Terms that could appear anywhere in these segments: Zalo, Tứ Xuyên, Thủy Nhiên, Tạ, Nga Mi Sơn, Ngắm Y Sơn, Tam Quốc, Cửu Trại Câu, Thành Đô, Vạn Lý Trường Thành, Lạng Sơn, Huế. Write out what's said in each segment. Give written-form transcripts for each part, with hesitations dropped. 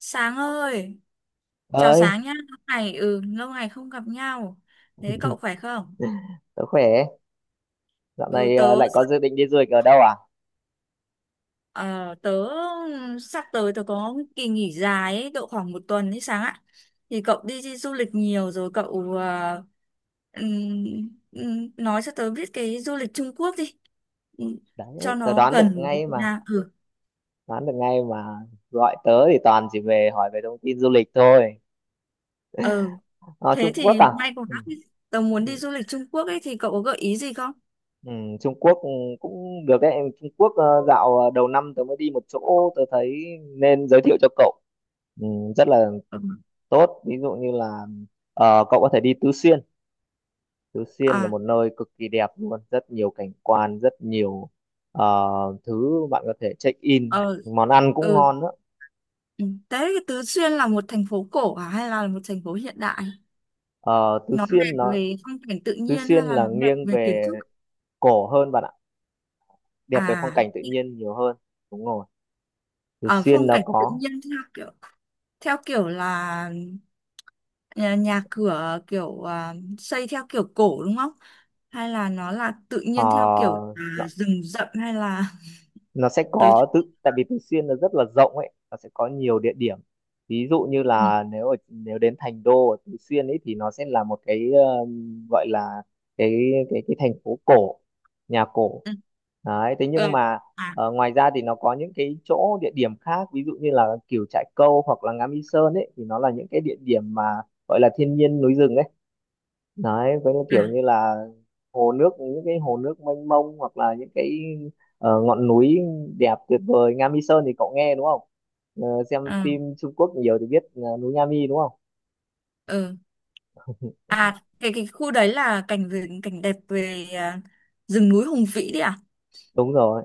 Sáng ơi, chào Ơi, Sáng nhá. Lâu ngày lâu ngày không gặp nhau. Thế cậu khỏe không? tớ khỏe. Dạo Ừ, này tớ lại có sắp- dự định đi du lịch ở đâu à? ờ, tớ sắp tới tớ có kỳ nghỉ dài ấy, độ khoảng một tuần ấy Sáng ạ. Thì cậu đi du lịch nhiều rồi cậu nói cho tớ biết cái du lịch Trung Quốc đi. Ừm, Đấy, Cho tớ nó đoán được gần với ngay Việt mà. Nam. Ừ. Đoán được ngay mà, gọi tớ thì toàn chỉ về hỏi về thông tin du lịch thôi. Ừ. Ờ, Thế Trung Quốc thì à? may quá. Ừ, Tớ muốn ừ, đi du lịch Trung Quốc ấy thì cậu có gợi ý gì không? ừ, Trung Quốc cũng được đấy. Trung Quốc, đầu năm tớ mới đi một chỗ tớ thấy nên giới thiệu cho cậu, ừ, rất là Ừ. tốt. Ví dụ như là cậu có thể đi Tứ Xuyên. Tứ Xuyên là À, một nơi cực kỳ đẹp luôn, rất nhiều cảnh quan, rất nhiều ờ, thứ bạn có thể check in. ờ, Món ăn cũng ừ. ngon nữa. Ừ. Đấy, Tứ Xuyên là một thành phố cổ à hay là một thành phố hiện đại? Ờ, Tứ Nó Xuyên đẹp nó về phong cảnh tự Tứ nhiên hay Xuyên là là nó đẹp nghiêng về kiến về trúc? cổ hơn bạn ạ, đẹp về phong À, cảnh tự nhiên nhiều hơn. Đúng rồi. Tứ ở Xuyên phong nó cảnh tự có, nhiên theo kiểu là nhà cửa kiểu à, xây theo kiểu cổ đúng không? Hay là nó là tự nhiên theo kiểu ờ, à, rừng rậm hay là nó sẽ tớ có. Tự tại vì Tứ Xuyên nó rất là rộng ấy, nó sẽ có nhiều địa điểm. Ví dụ như ừ, là nếu đến Thành Đô ở Tứ Xuyên ấy thì nó sẽ là một cái, gọi là cái cái thành phố cổ, nhà cổ. ừ, Đấy, thế ờ, nhưng mà à ngoài ra thì nó có những cái chỗ, địa điểm khác, ví dụ như là Cửu Trại Câu hoặc là Ngắm Y Sơn ấy, thì nó là những cái địa điểm mà gọi là thiên nhiên núi rừng ấy. Đấy, với những à kiểu như là hồ nước, những cái hồ nước mênh mông, hoặc là những cái ngọn núi đẹp tuyệt vời. Nga Mi Sơn thì cậu nghe đúng không? Xem à phim Trung Quốc nhiều thì biết núi Nga Mi đúng không? ừ. À cái khu đấy là cảnh về cảnh đẹp về à, rừng núi Hùng Vĩ đấy à? Đúng rồi.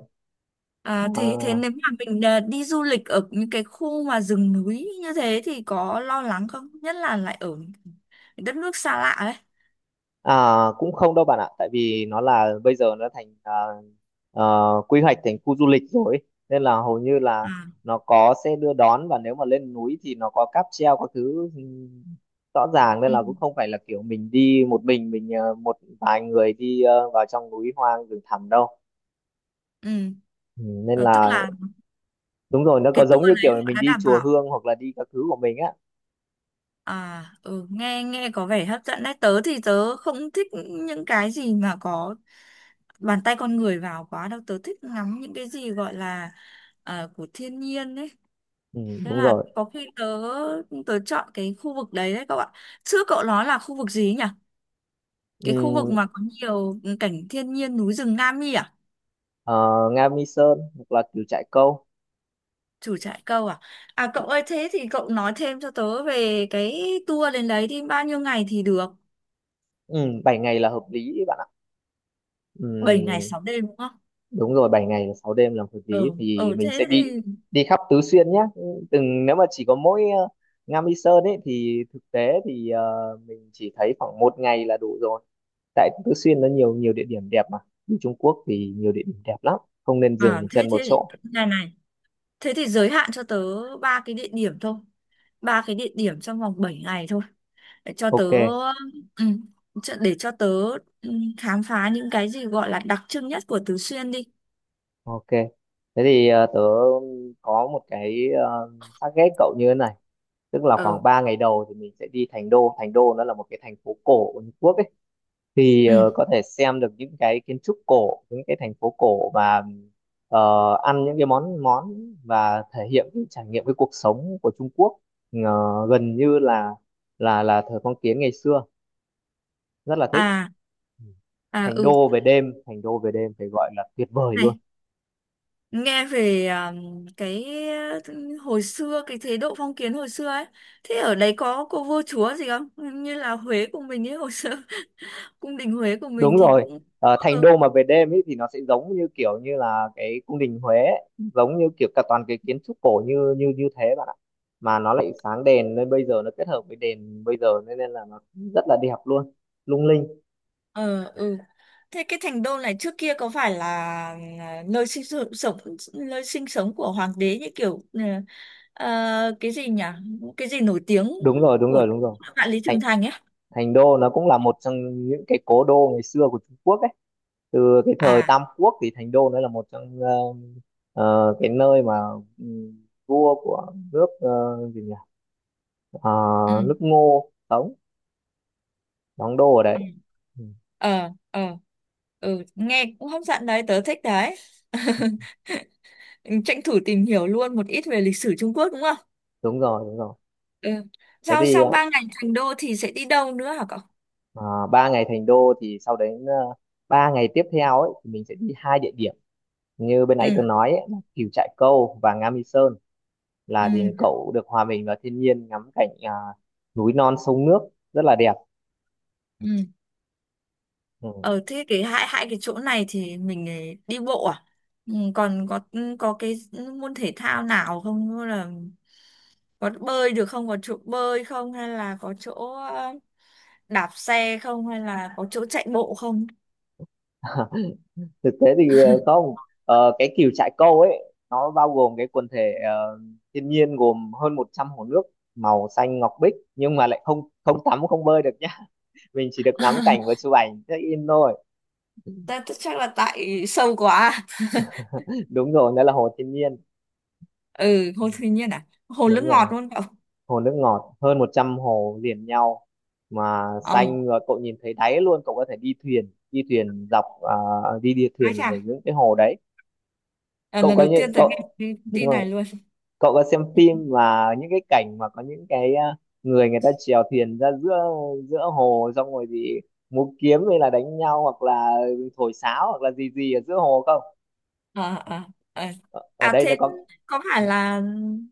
À, thế thế Ờ, nếu mà mình à, đi du lịch ở những cái khu mà rừng núi như thế thì có lo lắng không? Nhất là lại ở những đất nước xa lạ ấy. À, cũng không đâu bạn ạ, tại vì nó là bây giờ nó thành, à, quy hoạch thành khu du lịch rồi ấy. Nên là hầu như là À, nó có xe đưa đón, và nếu mà lên núi thì nó có cáp treo các thứ, rõ ràng. Nên ừ, là cũng không phải là kiểu mình đi một mình một vài người đi vào trong núi hoang rừng thẳm đâu. ừ. Ừ, nên Ờ, tức là là đúng rồi, nó cái có tour giống như kiểu đấy họ mình đã đi đảm chùa bảo. Hương hoặc là đi các thứ của mình á. À, ừ, nghe nghe có vẻ hấp dẫn đấy. Tớ thì tớ không thích những cái gì mà có bàn tay con người vào quá đâu. Tớ thích ngắm những cái gì gọi là à, của thiên nhiên ấy. Ừ, Thế đúng là rồi. có khi tớ tớ chọn cái khu vực đấy đấy cậu ạ. Trước cậu nói là khu vực gì ấy nhỉ? Cái khu vực Ừ, mà có nhiều cảnh thiên nhiên núi rừng Nam Nhi à? ờ, Nga Mi Sơn hoặc là kiểu trại câu. Chủ trại câu à? À cậu ơi thế thì cậu nói thêm cho tớ về cái tour đến đấy đi bao nhiêu ngày thì được? Ừ, 7 ngày là hợp lý bạn ạ. Bảy ngày Ừm, 6 đêm đúng không? Đúng rồi, 7 ngày 6 đêm làm hợp lý, Ừ, thì ừ mình sẽ thế đi thì đi khắp Tứ Xuyên nhé. Từng nếu mà chỉ có mỗi Nga Mi Sơn ấy thì thực tế thì mình chỉ thấy khoảng một ngày là đủ rồi. Tại Tứ Xuyên nó nhiều, nhiều địa điểm đẹp mà. Đi Trung Quốc thì nhiều địa điểm đẹp lắm, không nên à dừng thế chân một thế chỗ. này này, thế thì giới hạn cho tớ ba cái địa điểm thôi. Ba cái địa điểm trong vòng 7 ngày thôi. để cho tớ OK. ừ, để cho tớ ừ, khám phá những cái gì gọi là đặc trưng nhất của Tứ Xuyên đi OK, thế thì tớ có một cái, target cậu như thế này. Tức là ờ khoảng 3 ngày đầu thì mình sẽ đi Thành Đô. Thành Đô nó là một cái thành phố cổ của Trung Quốc ấy. Thì ừ có thể xem được những cái kiến trúc cổ, những cái thành phố cổ, và ờ, ăn những cái món món, và thể hiện cái trải nghiệm, cái cuộc sống của Trung Quốc, ờ, gần như là thời phong kiến ngày xưa, rất là thích. à à Thành ừ Đô về đêm, Thành Đô về đêm phải gọi là tuyệt vời luôn. này, nghe về à, cái ừ, hồi xưa cái chế độ phong kiến hồi xưa ấy, thế ở đấy có cô vua chúa gì không như là Huế của mình ấy hồi xưa cung đình Huế của mình Đúng thì rồi. cũng Thành có. Đô mà về đêm ấy thì nó sẽ giống như kiểu như là cái cung đình Huế ấy. Giống như kiểu cả toàn cái kiến trúc cổ như như như thế bạn ạ, mà nó lại sáng đèn nên bây giờ nó kết hợp với đèn bây giờ, nên nên là nó rất là đẹp luôn, lung linh. Ờ, ừ. Thế cái thành đô này trước kia có phải là à, nơi sinh sống của hoàng đế như kiểu cái gì nhỉ? Cái gì nổi tiếng Đúng rồi, đúng của rồi, đúng rồi. vạn Lý thành Trường Thành ấy? thành Đô nó cũng là một trong những cái cố đô ngày xưa của Trung Quốc ấy. Từ cái thời À, Tam Quốc thì Thành Đô nó là một trong cái nơi mà, ừ, vua của nước, gì nhỉ. Ờ, ừ. Nước Ngô sống, đóng đô ở đấy. Ừ. Ừ. Ờ, ờ. Ừ, nghe cũng hấp dẫn đấy, tớ thích đấy. Tranh thủ tìm hiểu luôn một ít về lịch sử Trung Quốc đúng không? Đúng rồi, đúng rồi. Ừ. Thế Sau thì sau ba ngày thành đô thì sẽ đi đâu nữa hả cậu? à, 3 ngày Thành Đô thì sau đấy 3 ngày tiếp theo ấy thì mình sẽ đi hai địa điểm. Như bên nãy Ừ. tường nói ấy, là Cửu Trại Câu và Nga Mi Sơn, Ừ. là thì cậu được hòa mình vào thiên nhiên, ngắm cảnh núi non sông nước rất là đẹp. Ừ. Ừ. Ở thế cái hai hai cái chỗ này thì mình ấy đi bộ à? Còn có ừ, có cái môn thể thao nào không, như là có bơi được không, có chỗ bơi không, hay là có chỗ ờ, đạp xe không, hay là có chỗ chạy bộ không? Thực tế thì không. Cái Cửu Trại Câu ấy nó bao gồm cái quần thể thiên nhiên, gồm hơn 100 hồ nước màu xanh ngọc bích, nhưng mà lại không không tắm, không bơi được nhá, mình chỉ được ngắm cảnh và chụp ảnh check in thôi. Ta ta- chắc là tại sâu quá. Đúng rồi, đó là hồ thiên nhiên. Ừ, Ừ, hồ Thủy Nhiên à? Hồ nước đúng ngọt rồi, luôn cậu. hồ nước ngọt, hơn 100 hồ liền nhau, mà Ờ, xanh và cậu nhìn thấy đáy luôn. Cậu có thể đi thuyền, đi thuyền dọc, đi đi ái thuyền chà, ở những cái hồ đấy. à, Cậu lần có đầu những tiên tôi nghe cậu cái đúng tin rồi. này luôn. Cậu có xem Ừ. phim mà những cái cảnh mà có những cái người người ta chèo thuyền ra giữa giữa hồ, xong rồi thì múa kiếm hay là đánh nhau hoặc là thổi sáo hoặc là gì gì ở giữa hồ không? Ờ ờ ờ. Ở À đây nó thế có, có phải là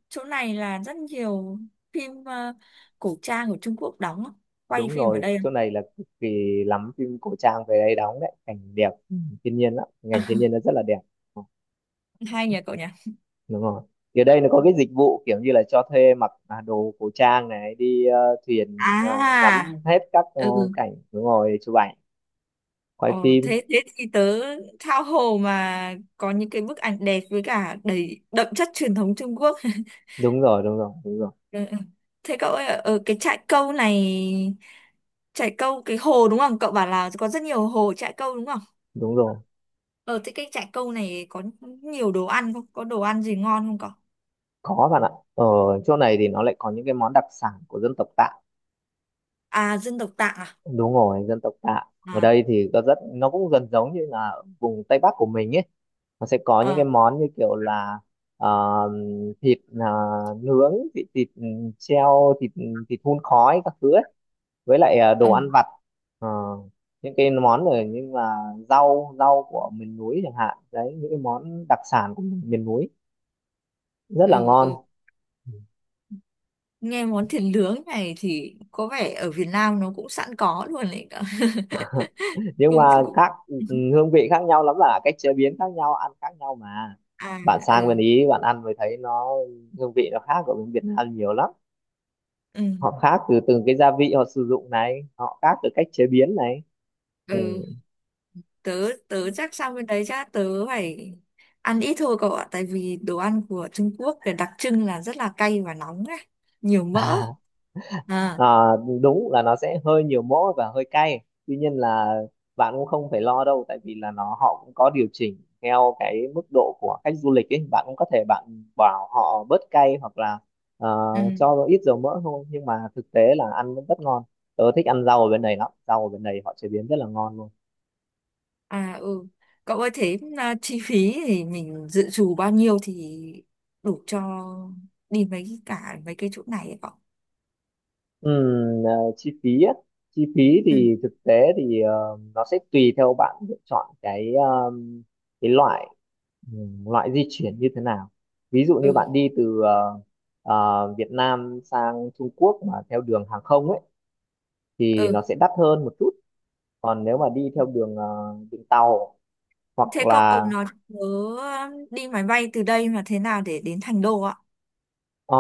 chỗ này là rất nhiều phim cổ trang của Trung Quốc đóng không? Quay đúng phim ở rồi, đây không? chỗ này là cực kỳ lắm phim cổ trang về đây đóng đấy, cảnh đẹp, thiên nhiên lắm, cảnh thiên nhiên nó rất là đẹp. Ừ, Hay nhỉ cậu nhỉ? đúng rồi. Thì ở đây nó có cái dịch vụ kiểu như là cho thuê mặc đồ cổ trang, này đi thuyền, ngắm À hết các ừ cảnh, đúng rồi, chụp ảnh, quay ờ, phim. thế thế thì tớ tha hồ mà có những cái bức ảnh đẹp với cả đầy đậm chất truyền thống Trung Quốc. Đúng rồi, đúng rồi, đúng rồi, Ừ, ừ. Thế cậu ơi ở cái trại câu này, trại câu cái hồ đúng không, cậu bảo là có rất nhiều hồ trại câu đúng không? đúng rồi. Ở thế cái trại câu này có nhiều đồ ăn không? Có đồ ăn gì ngon không cậu? Có bạn ạ. Ở chỗ này thì nó lại có những cái món đặc sản của dân tộc Tạ. À, dân tộc Tạng à? Đúng rồi, dân tộc Tạ. Ở À, đây thì có rất, nó cũng gần giống như là vùng Tây Bắc của mình ấy, nó sẽ có những cái à món như kiểu là ờ, thịt nướng, thịt thịt ừ, treo, thịt thịt hun khói các thứ ấy, với lại ừ, đồ ăn vặt. Ờ, những cái món rồi, nhưng là rau rau của miền núi chẳng hạn đấy, những cái món đặc sản của miền núi rất là ừ, ngon. ừ. Nghe món thịt nướng này thì có vẻ ở Việt Nam nó cũng sẵn có luôn đấy cậu. Nhưng Cũng, mà cũng. khác, hương vị khác nhau lắm, là cách chế biến khác nhau, ăn khác nhau mà. À, Bạn sang bên ừ, Ý bạn ăn mới thấy nó, hương vị nó khác của bên Việt Nam nhiều lắm. ừ, Họ khác từ từng cái gia vị họ sử dụng này, họ khác từ cách chế biến này. Ừ. ừ. Tớ, tớ chắc sang bên đấy chắc tớ phải ăn ít thôi cậu ạ. Tại vì đồ ăn của Trung Quốc thì đặc trưng là rất là cay và nóng ấy. Nhiều mỡ. À, À, đúng là nó sẽ hơi nhiều mỡ và hơi cay, tuy nhiên là bạn cũng không phải lo đâu, tại vì là nó họ cũng có điều chỉnh theo cái mức độ của khách du lịch ấy, bạn cũng có thể bạn bảo họ bớt cay hoặc là ờ, ừ. cho ít dầu mỡ thôi, nhưng mà thực tế là ăn vẫn rất ngon. Tớ thích ăn rau ở bên này lắm, rau ở bên này họ chế biến rất là ngon luôn. À ừ. Cậu ơi thế à, chi phí thì mình dự trù bao nhiêu thì đủ cho đi mấy cả mấy cái chỗ này ấy cậu? Ừm, à, Chi phí á. Chi phí Ừ. thì thực tế thì nó sẽ tùy theo bạn lựa chọn cái, cái loại, loại di chuyển như thế nào. Ví dụ như Ừ. bạn đi từ Việt Nam sang Trung Quốc mà theo đường hàng không ấy thì Ừ. nó sẽ đắt hơn một chút. Còn nếu mà đi theo đường đường tàu, hoặc Thế cậu cậu là nói nhớ đi máy bay từ đây mà thế nào để đến Thành Đô ạ? ờ,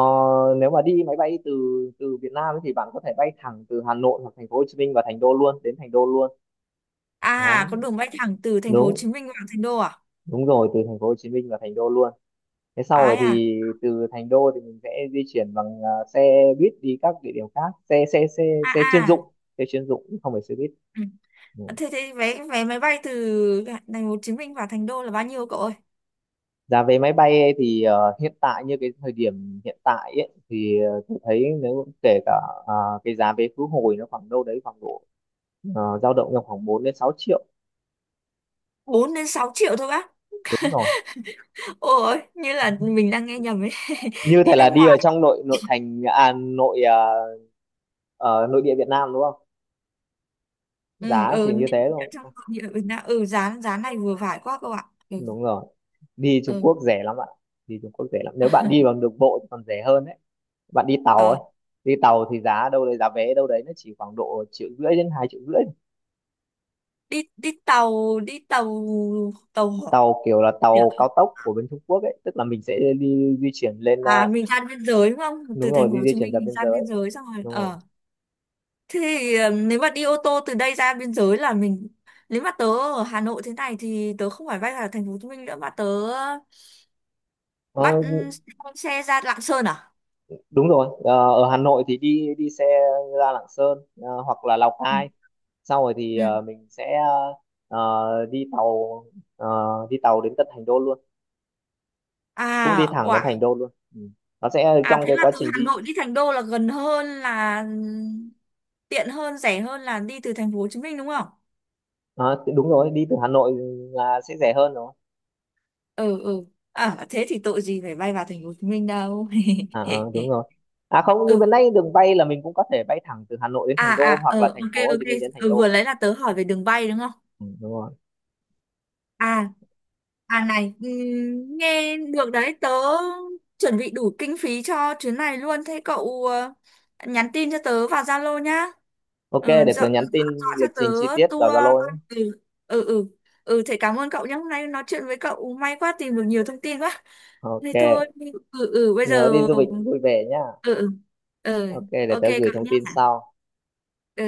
nếu mà đi máy bay từ từ Việt Nam ấy thì bạn có thể bay thẳng từ Hà Nội hoặc thành phố Hồ Chí Minh và thành đô luôn, đến Thành Đô luôn. À Đấy, có đường bay thẳng từ thành phố Hồ đúng. Chí Minh vào Thành Đô à? Đúng rồi, từ thành phố Hồ Chí Minh vào Thành Đô luôn. Thế sau rồi Ai à? thì từ Thành Đô thì mình sẽ di chuyển bằng xe buýt đi các địa điểm khác, xe xe xe À xe chuyên dụng, à. xe chuyên dụng không phải xe buýt. Ừ. Ừ. Thế thế vé vé máy bay từ thành phố Hồ Chí Minh vào Thành Đô là bao nhiêu cậu ơi? Giá vé máy bay ấy thì hiện tại như cái thời điểm hiện tại ấy thì tôi thấy nếu kể cả à, cái giá vé khứ hồi nó khoảng đâu đấy, khoảng độ dao động trong khoảng 4 đến 6 triệu. Bốn đến 6 triệu thôi bác. Đúng rồi. Ôi, như là mình đang nghe nhầm ấy. Như Đi thể nước là đi ở ngoài trong nội nội thành à, nội địa Việt Nam đúng không? ừ Giá ừ chỉ nên như thế ở thôi. trong ừ, đã- ừ giá giá này vừa phải quá các bạn ừ Đúng rồi, đi Trung ừ Quốc rẻ lắm ạ. Đi Trung Quốc rẻ lắm, nếu bạn đi bằng đường bộ thì còn rẻ hơn đấy, bạn đi tàu ờ, ấy, đi tàu thì giá đâu đấy, giá vé đâu đấy, nó chỉ khoảng độ 1,5 đến 2,5 triệu. đi đi tàu tàu hỏa Tàu kiểu là được. tàu cao tốc của bên Trung Quốc ấy, tức là mình sẽ đi di chuyển lên, À mình ra biên giới đúng không, đúng từ rồi, thành phố đi Hồ di Chí chuyển Minh ra mình biên ra biên giới. giới xong rồi Đúng rồi. ờ thế thì ờ, nếu mà đi ô tô từ đây ra biên giới là mình, nếu mà tớ ở Hà Nội thế này thì tớ không phải bay vào thành phố Hồ Chí Minh nữa mà tớ Ờ, bắt ừ, xe ra Lạng Sơn à. Đúng rồi. Ờ, Ở Hà Nội thì đi đi xe ra Lạng Sơn, hoặc là Lào Ừ. Cai, sau rồi thì Ừ. Mình sẽ đi tàu, ờ, đi tàu đến tận Thành Đô luôn, cũng đi À thẳng đến ủa, Thành Đô luôn. Ừ. Nó sẽ à trong thế cái là quá từ trình Hà đi, Nội đi Thành Đô là gần hơn là tiện hơn, rẻ hơn là đi từ thành phố Hồ Chí Minh đúng không? à, đúng rồi, đi từ Hà Nội là sẽ rẻ hơn rồi. Ừ ừ. À thế thì tội gì phải bay vào thành phố Hồ Chí Minh đâu. À, đúng rồi. À không, như Ừ. bên đây đường bay là mình cũng có thể bay thẳng từ Hà Nội đến À Thành à Đô hoặc ờ là thành ok phố Hồ Chí ok. Minh đến Thành Ừ, Đô vừa mà. lấy là tớ hỏi về đường bay đúng không? Ừ, đúng rồi. À, à này, nghe được đấy, tớ chuẩn bị đủ kinh phí cho chuyến này luôn. Thế cậu ờ, nhắn tin cho tớ vào Zalo nhá. OK, Ừ, để tớ nhắn tin dọn cho lịch tớ trình chi tiết vào tour. Zalo nhé. Ừ, ừ, ừ. Ừ, thế cảm ơn cậu nhé. Hôm nay nói chuyện với cậu may quá tìm được nhiều thông tin quá. OK, Thế thôi, ừ, ừ, bây nhớ đi giờ... du lịch vui vẻ nhá. Ừ, ừ, ừ, OK, để ok tớ gửi cậu thông nhé. tin sau. Ừ.